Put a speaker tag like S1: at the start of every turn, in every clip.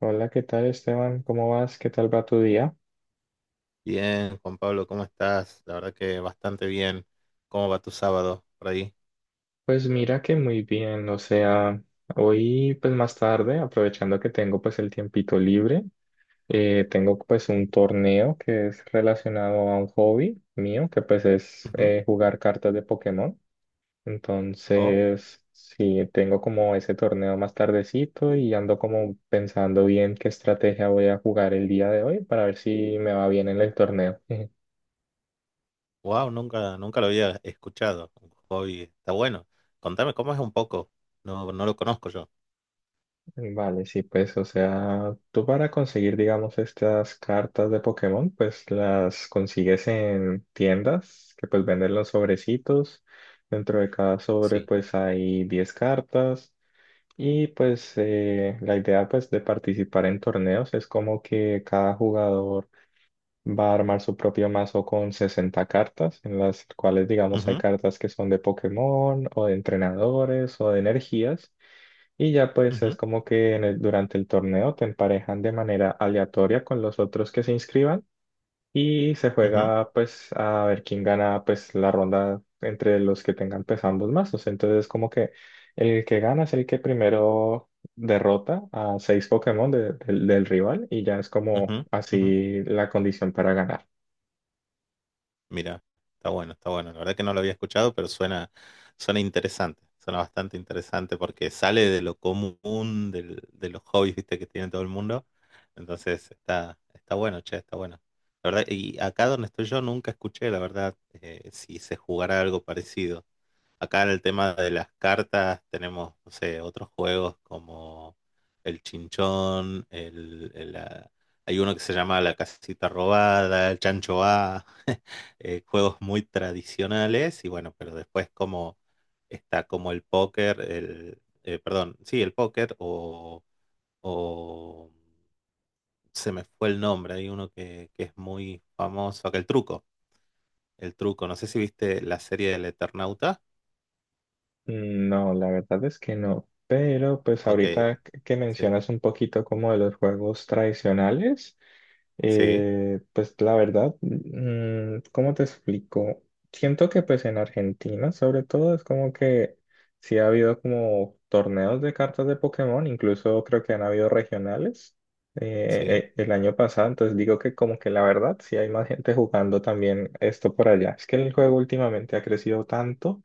S1: Hola, ¿qué tal Esteban? ¿Cómo vas? ¿Qué tal va tu día?
S2: Bien, Juan Pablo, ¿cómo estás? La verdad que bastante bien. ¿Cómo va tu sábado por ahí?
S1: Pues mira que muy bien, o sea, hoy pues más tarde, aprovechando que tengo pues el tiempito libre, tengo pues un torneo que es relacionado a un hobby mío, que pues es
S2: Ujú.
S1: jugar cartas de Pokémon.
S2: Oh,
S1: Entonces, sí, tengo como ese torneo más tardecito y ando como pensando bien qué estrategia voy a jugar el día de hoy para ver si me va bien en el torneo.
S2: wow, nunca lo había escuchado. Un hobby, está bueno. Contame cómo es un poco. No, no lo conozco yo.
S1: Vale, sí, pues, o sea, tú para conseguir, digamos, estas cartas de Pokémon, pues las consigues en tiendas que pues venden los sobrecitos. Dentro de cada sobre,
S2: Sí.
S1: pues hay 10 cartas. Y pues la idea, pues, de participar en torneos es como que cada jugador va a armar su propio mazo con 60 cartas, en las cuales, digamos, hay
S2: Ujú,
S1: cartas que son de Pokémon o de entrenadores o de energías. Y ya pues es
S2: ujú,
S1: como que en durante el torneo te emparejan de manera aleatoria con los otros que se inscriban y se
S2: ujú,
S1: juega pues a ver quién gana pues la ronda entre los que tengan pues ambos mazos. Entonces como que el que gana es el que primero derrota a 6 Pokémon del rival y ya es como
S2: ujú, ujú.
S1: así la condición para ganar.
S2: Mira, está bueno, está bueno. La verdad que no lo había escuchado, pero suena interesante. Suena bastante interesante porque sale de lo común de los hobbies, viste, que tiene todo el mundo. Entonces está bueno, che, está bueno. La verdad, y acá donde estoy yo nunca escuché, la verdad, si se jugara algo parecido. Acá en el tema de las cartas tenemos, no sé, otros juegos como el chinchón, hay uno que se llama la casita robada, el chancho A, juegos muy tradicionales y bueno, pero después como está como el póker, perdón, sí, el póker o se me fue el nombre, hay uno que es muy famoso, acá el truco, no sé si viste la serie del Eternauta,
S1: No, la verdad es que no. Pero pues
S2: o que,
S1: ahorita que
S2: sí,
S1: mencionas un poquito como de los juegos tradicionales,
S2: sí,
S1: pues la verdad, ¿cómo te explico? Siento que pues en Argentina sobre todo es como que sí ha habido como torneos de cartas de Pokémon, incluso creo que han habido regionales
S2: sí,
S1: el año pasado, entonces digo que como que la verdad sí hay más gente jugando también esto por allá. Es que el juego últimamente ha crecido tanto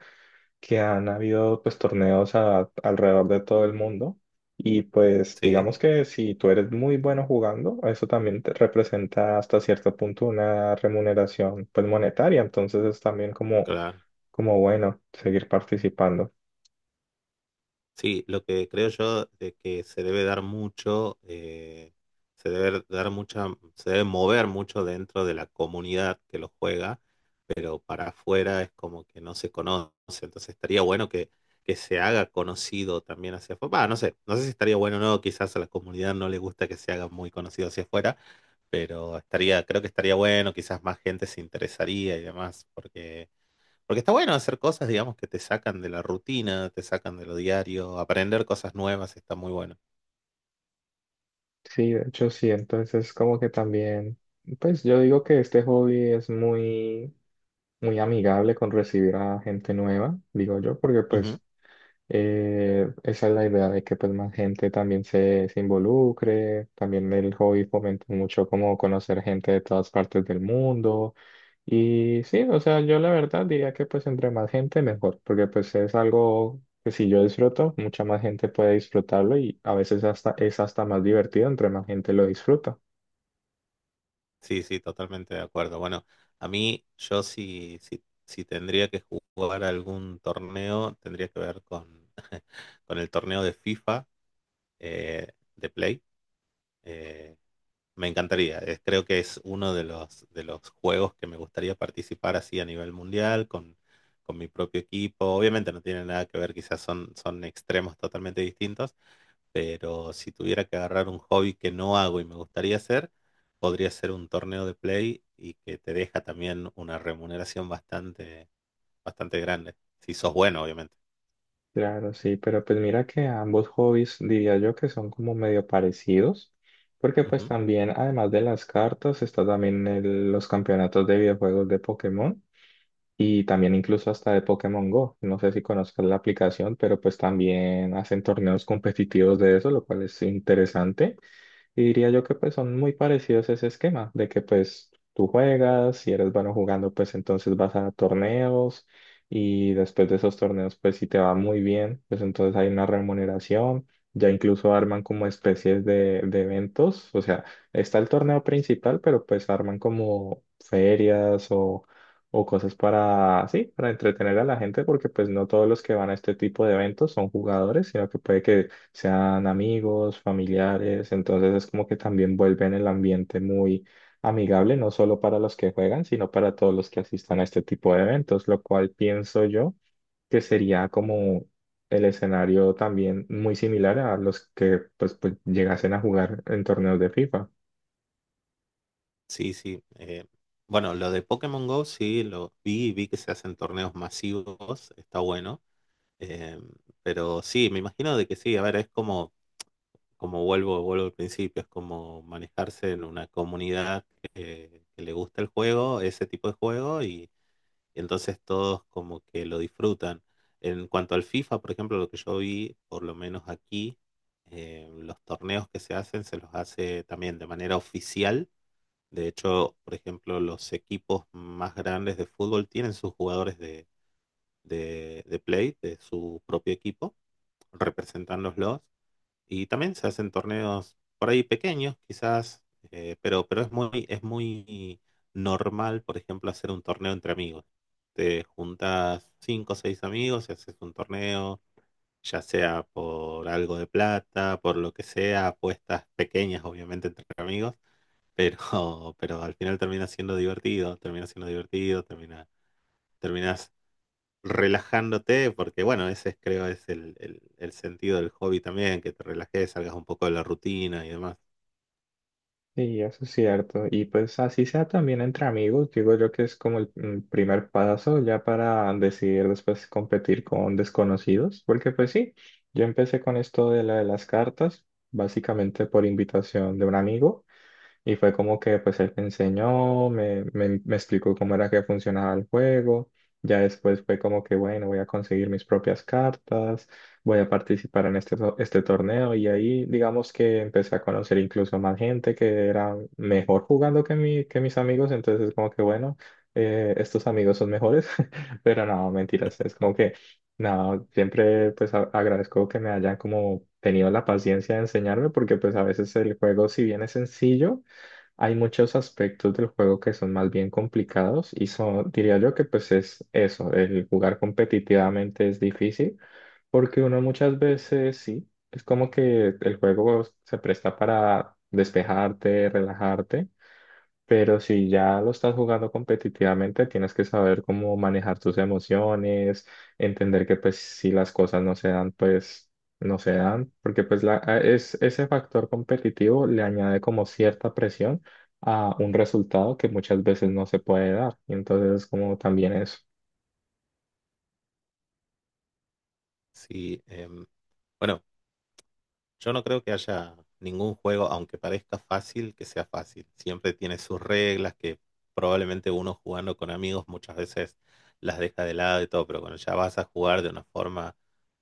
S1: que han habido pues torneos alrededor de todo el mundo y pues
S2: sí,
S1: digamos que si tú eres muy bueno jugando, eso también te representa hasta cierto punto una remuneración pues monetaria, entonces es también como,
S2: claro,
S1: como bueno seguir participando.
S2: sí, lo que creo yo de que se debe dar mucho, se debe dar mucha, se debe mover mucho dentro de la comunidad que lo juega, pero para afuera es como que no se conoce. Entonces que se haga conocido también hacia afuera. Bah, no sé, no sé si estaría bueno o no, quizás a la comunidad no le gusta que se haga muy conocido hacia afuera, pero estaría, creo que estaría bueno, quizás más gente se interesaría y demás, porque está bueno hacer cosas, digamos, que te sacan de la rutina, te sacan de lo diario, aprender cosas nuevas está muy bueno.
S1: Sí, de hecho sí, entonces como que también pues yo digo que este hobby es muy muy amigable con recibir a gente nueva, digo yo, porque pues esa es la idea de que pues más gente también se involucre, también el hobby fomenta mucho como conocer gente de todas partes del mundo y sí, o sea, yo la verdad diría que pues entre más gente mejor, porque pues es algo que si yo disfruto, mucha más gente puede disfrutarlo y a veces hasta es hasta más divertido entre más gente lo disfruta.
S2: Sí, sí, totalmente de acuerdo. Bueno, a mí, yo si tendría que jugar algún torneo, tendría que ver con el torneo de FIFA, eh, de Play. Eh, me encantaría. Es- creo que es uno de de los juegos que me gustaría participar así a nivel mundial, con mi propio equipo. Obviamente no tiene nada que ver, quizás son extremos totalmente distintos, pero si tuviera que agarrar un hobby que no hago y me gustaría hacer, podría ser un torneo de play y que te deja también una remuneración bastante grande. Si sos bueno, obviamente.
S1: Claro, sí, pero pues mira que ambos hobbies diría yo que son como medio parecidos, porque pues
S2: Ujú.
S1: también además de las cartas está también los campeonatos de videojuegos de Pokémon y también incluso hasta de Pokémon Go. No sé si conozcas la aplicación, pero pues también hacen torneos competitivos de eso, lo cual es interesante. Y diría yo que pues son muy parecidos a ese esquema, de que pues tú juegas, si eres bueno jugando, pues entonces vas a torneos y después de esos torneos, pues si te va muy bien, pues entonces hay una remuneración, ya incluso arman como especies de eventos, o sea, está el torneo principal, pero pues arman como ferias o cosas para, sí, para entretener a la gente, porque pues no todos los que van a este tipo de eventos son jugadores, sino que puede que sean amigos, familiares, entonces es como que también vuelven el ambiente muy amigable, no solo para los que juegan, sino para todos los que asistan a este tipo de eventos, lo cual pienso yo que sería como el escenario también muy similar a los que pues, pues llegasen a jugar en torneos de FIFA.
S2: Sí, sí. Bueno, lo de Pokémon Go sí lo vi, y vi que se hacen torneos masivos, está bueno. Eh, pero sí, me imagino de que sí, a ver, como vuelvo al principio, es como manejarse en una comunidad que le gusta el juego, ese tipo de juego. Entonces todos como que lo disfrutan. En cuanto al FIFA, por ejemplo, lo que yo vi, por lo menos aquí, los torneos que se hacen se los hace también de manera oficial. De hecho, por ejemplo, los equipos más grandes de fútbol tienen sus jugadores de Play, de su propio equipo, representándolos. Y también se hacen torneos por ahí pequeños, quizás, pero es muy normal, por ejemplo, hacer un torneo entre amigos. Te juntas cinco o seis amigos y haces un torneo, ya sea por algo de plata, por lo que sea, apuestas pequeñas, obviamente, entre amigos, pero, pero al final termina siendo divertido, terminas relajándote, porque bueno, ese es, creo es el sentido del hobby también, que te relajes, salgas un poco de la rutina y demás.
S1: Sí, eso es cierto. Y pues así sea también entre amigos, digo yo que es como el primer paso ya para decidir después competir con desconocidos, porque pues sí, yo empecé con esto de la de las cartas, básicamente por invitación de un amigo. Y fue como que pues él me enseñó, me explicó cómo era que funcionaba el juego. Ya después fue como que, bueno, voy a conseguir mis propias cartas, voy a participar en este, este torneo. Y ahí digamos que empecé a conocer incluso más gente que era mejor jugando que, que mis amigos. Entonces como que, bueno, estos amigos son mejores. Pero no, mentiras, es como que... No, siempre pues agradezco que me hayan como tenido la paciencia de enseñarme porque pues a veces el juego si bien es sencillo, hay muchos aspectos del juego que son más bien complicados y son, diría yo que pues es eso, el jugar competitivamente es difícil porque uno muchas veces sí, es como que el juego se presta para despejarte, relajarte, pero si ya lo estás jugando competitivamente, tienes que saber cómo manejar tus emociones, entender que pues si las cosas no se dan, pues no se dan, porque pues ese factor competitivo le añade como cierta presión a un resultado que muchas veces no se puede dar. Y entonces como también eso.
S2: Sí, bueno, yo no creo que haya ningún juego, aunque parezca fácil, que sea fácil. Siempre tiene sus reglas que probablemente uno jugando con amigos muchas veces las deja de lado y todo, pero cuando ya vas a jugar de una forma,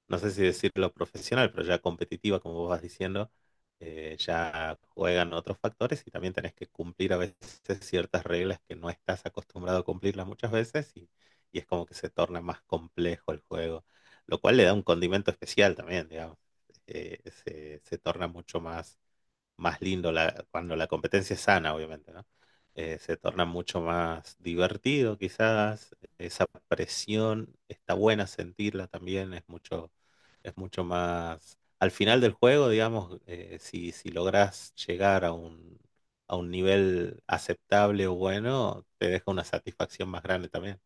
S2: no sé si decirlo profesional, pero ya competitiva, como vos vas diciendo, ya juegan otros factores y también tenés que cumplir a veces ciertas reglas que no estás acostumbrado a cumplirlas muchas y es como que se torna más complejo el juego, lo cual le da un condimento especial también, digamos, se torna más lindo la, cuando la competencia es sana, obviamente, ¿no? Se torna mucho más divertido, quizás. Esa presión está buena sentirla también, es mucho más. Al final del juego, digamos, si logras llegar a a un nivel aceptable o bueno, te deja una satisfacción más grande también.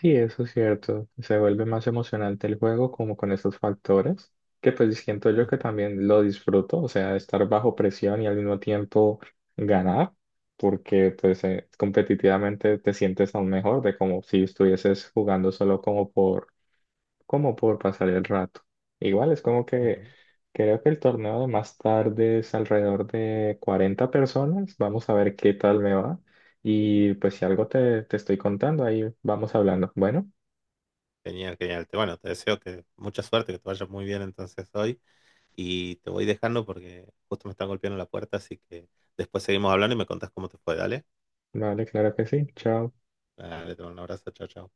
S1: Sí, eso es cierto. Se vuelve más emocionante el juego como con esos factores, que pues siento yo que
S2: Ujú,
S1: también lo disfruto, o sea, estar bajo presión y al mismo tiempo ganar, porque pues competitivamente te sientes aún mejor de como si estuvieses jugando solo como por como por pasar el rato. Igual es como que
S2: ujú.
S1: creo que el torneo de más tarde es alrededor de 40 personas. Vamos a ver qué tal me va. Y pues si algo te estoy contando, ahí vamos hablando. Bueno,
S2: Genial, genial. Te- bueno, te deseo que mucha suerte, que te vaya muy bien entonces hoy. Y te voy dejando porque justo me están golpeando la puerta, así que después seguimos hablando y me contás cómo te fue. Dale,
S1: vale, claro que sí. Chao.
S2: dale, te mando un abrazo, chao, chao.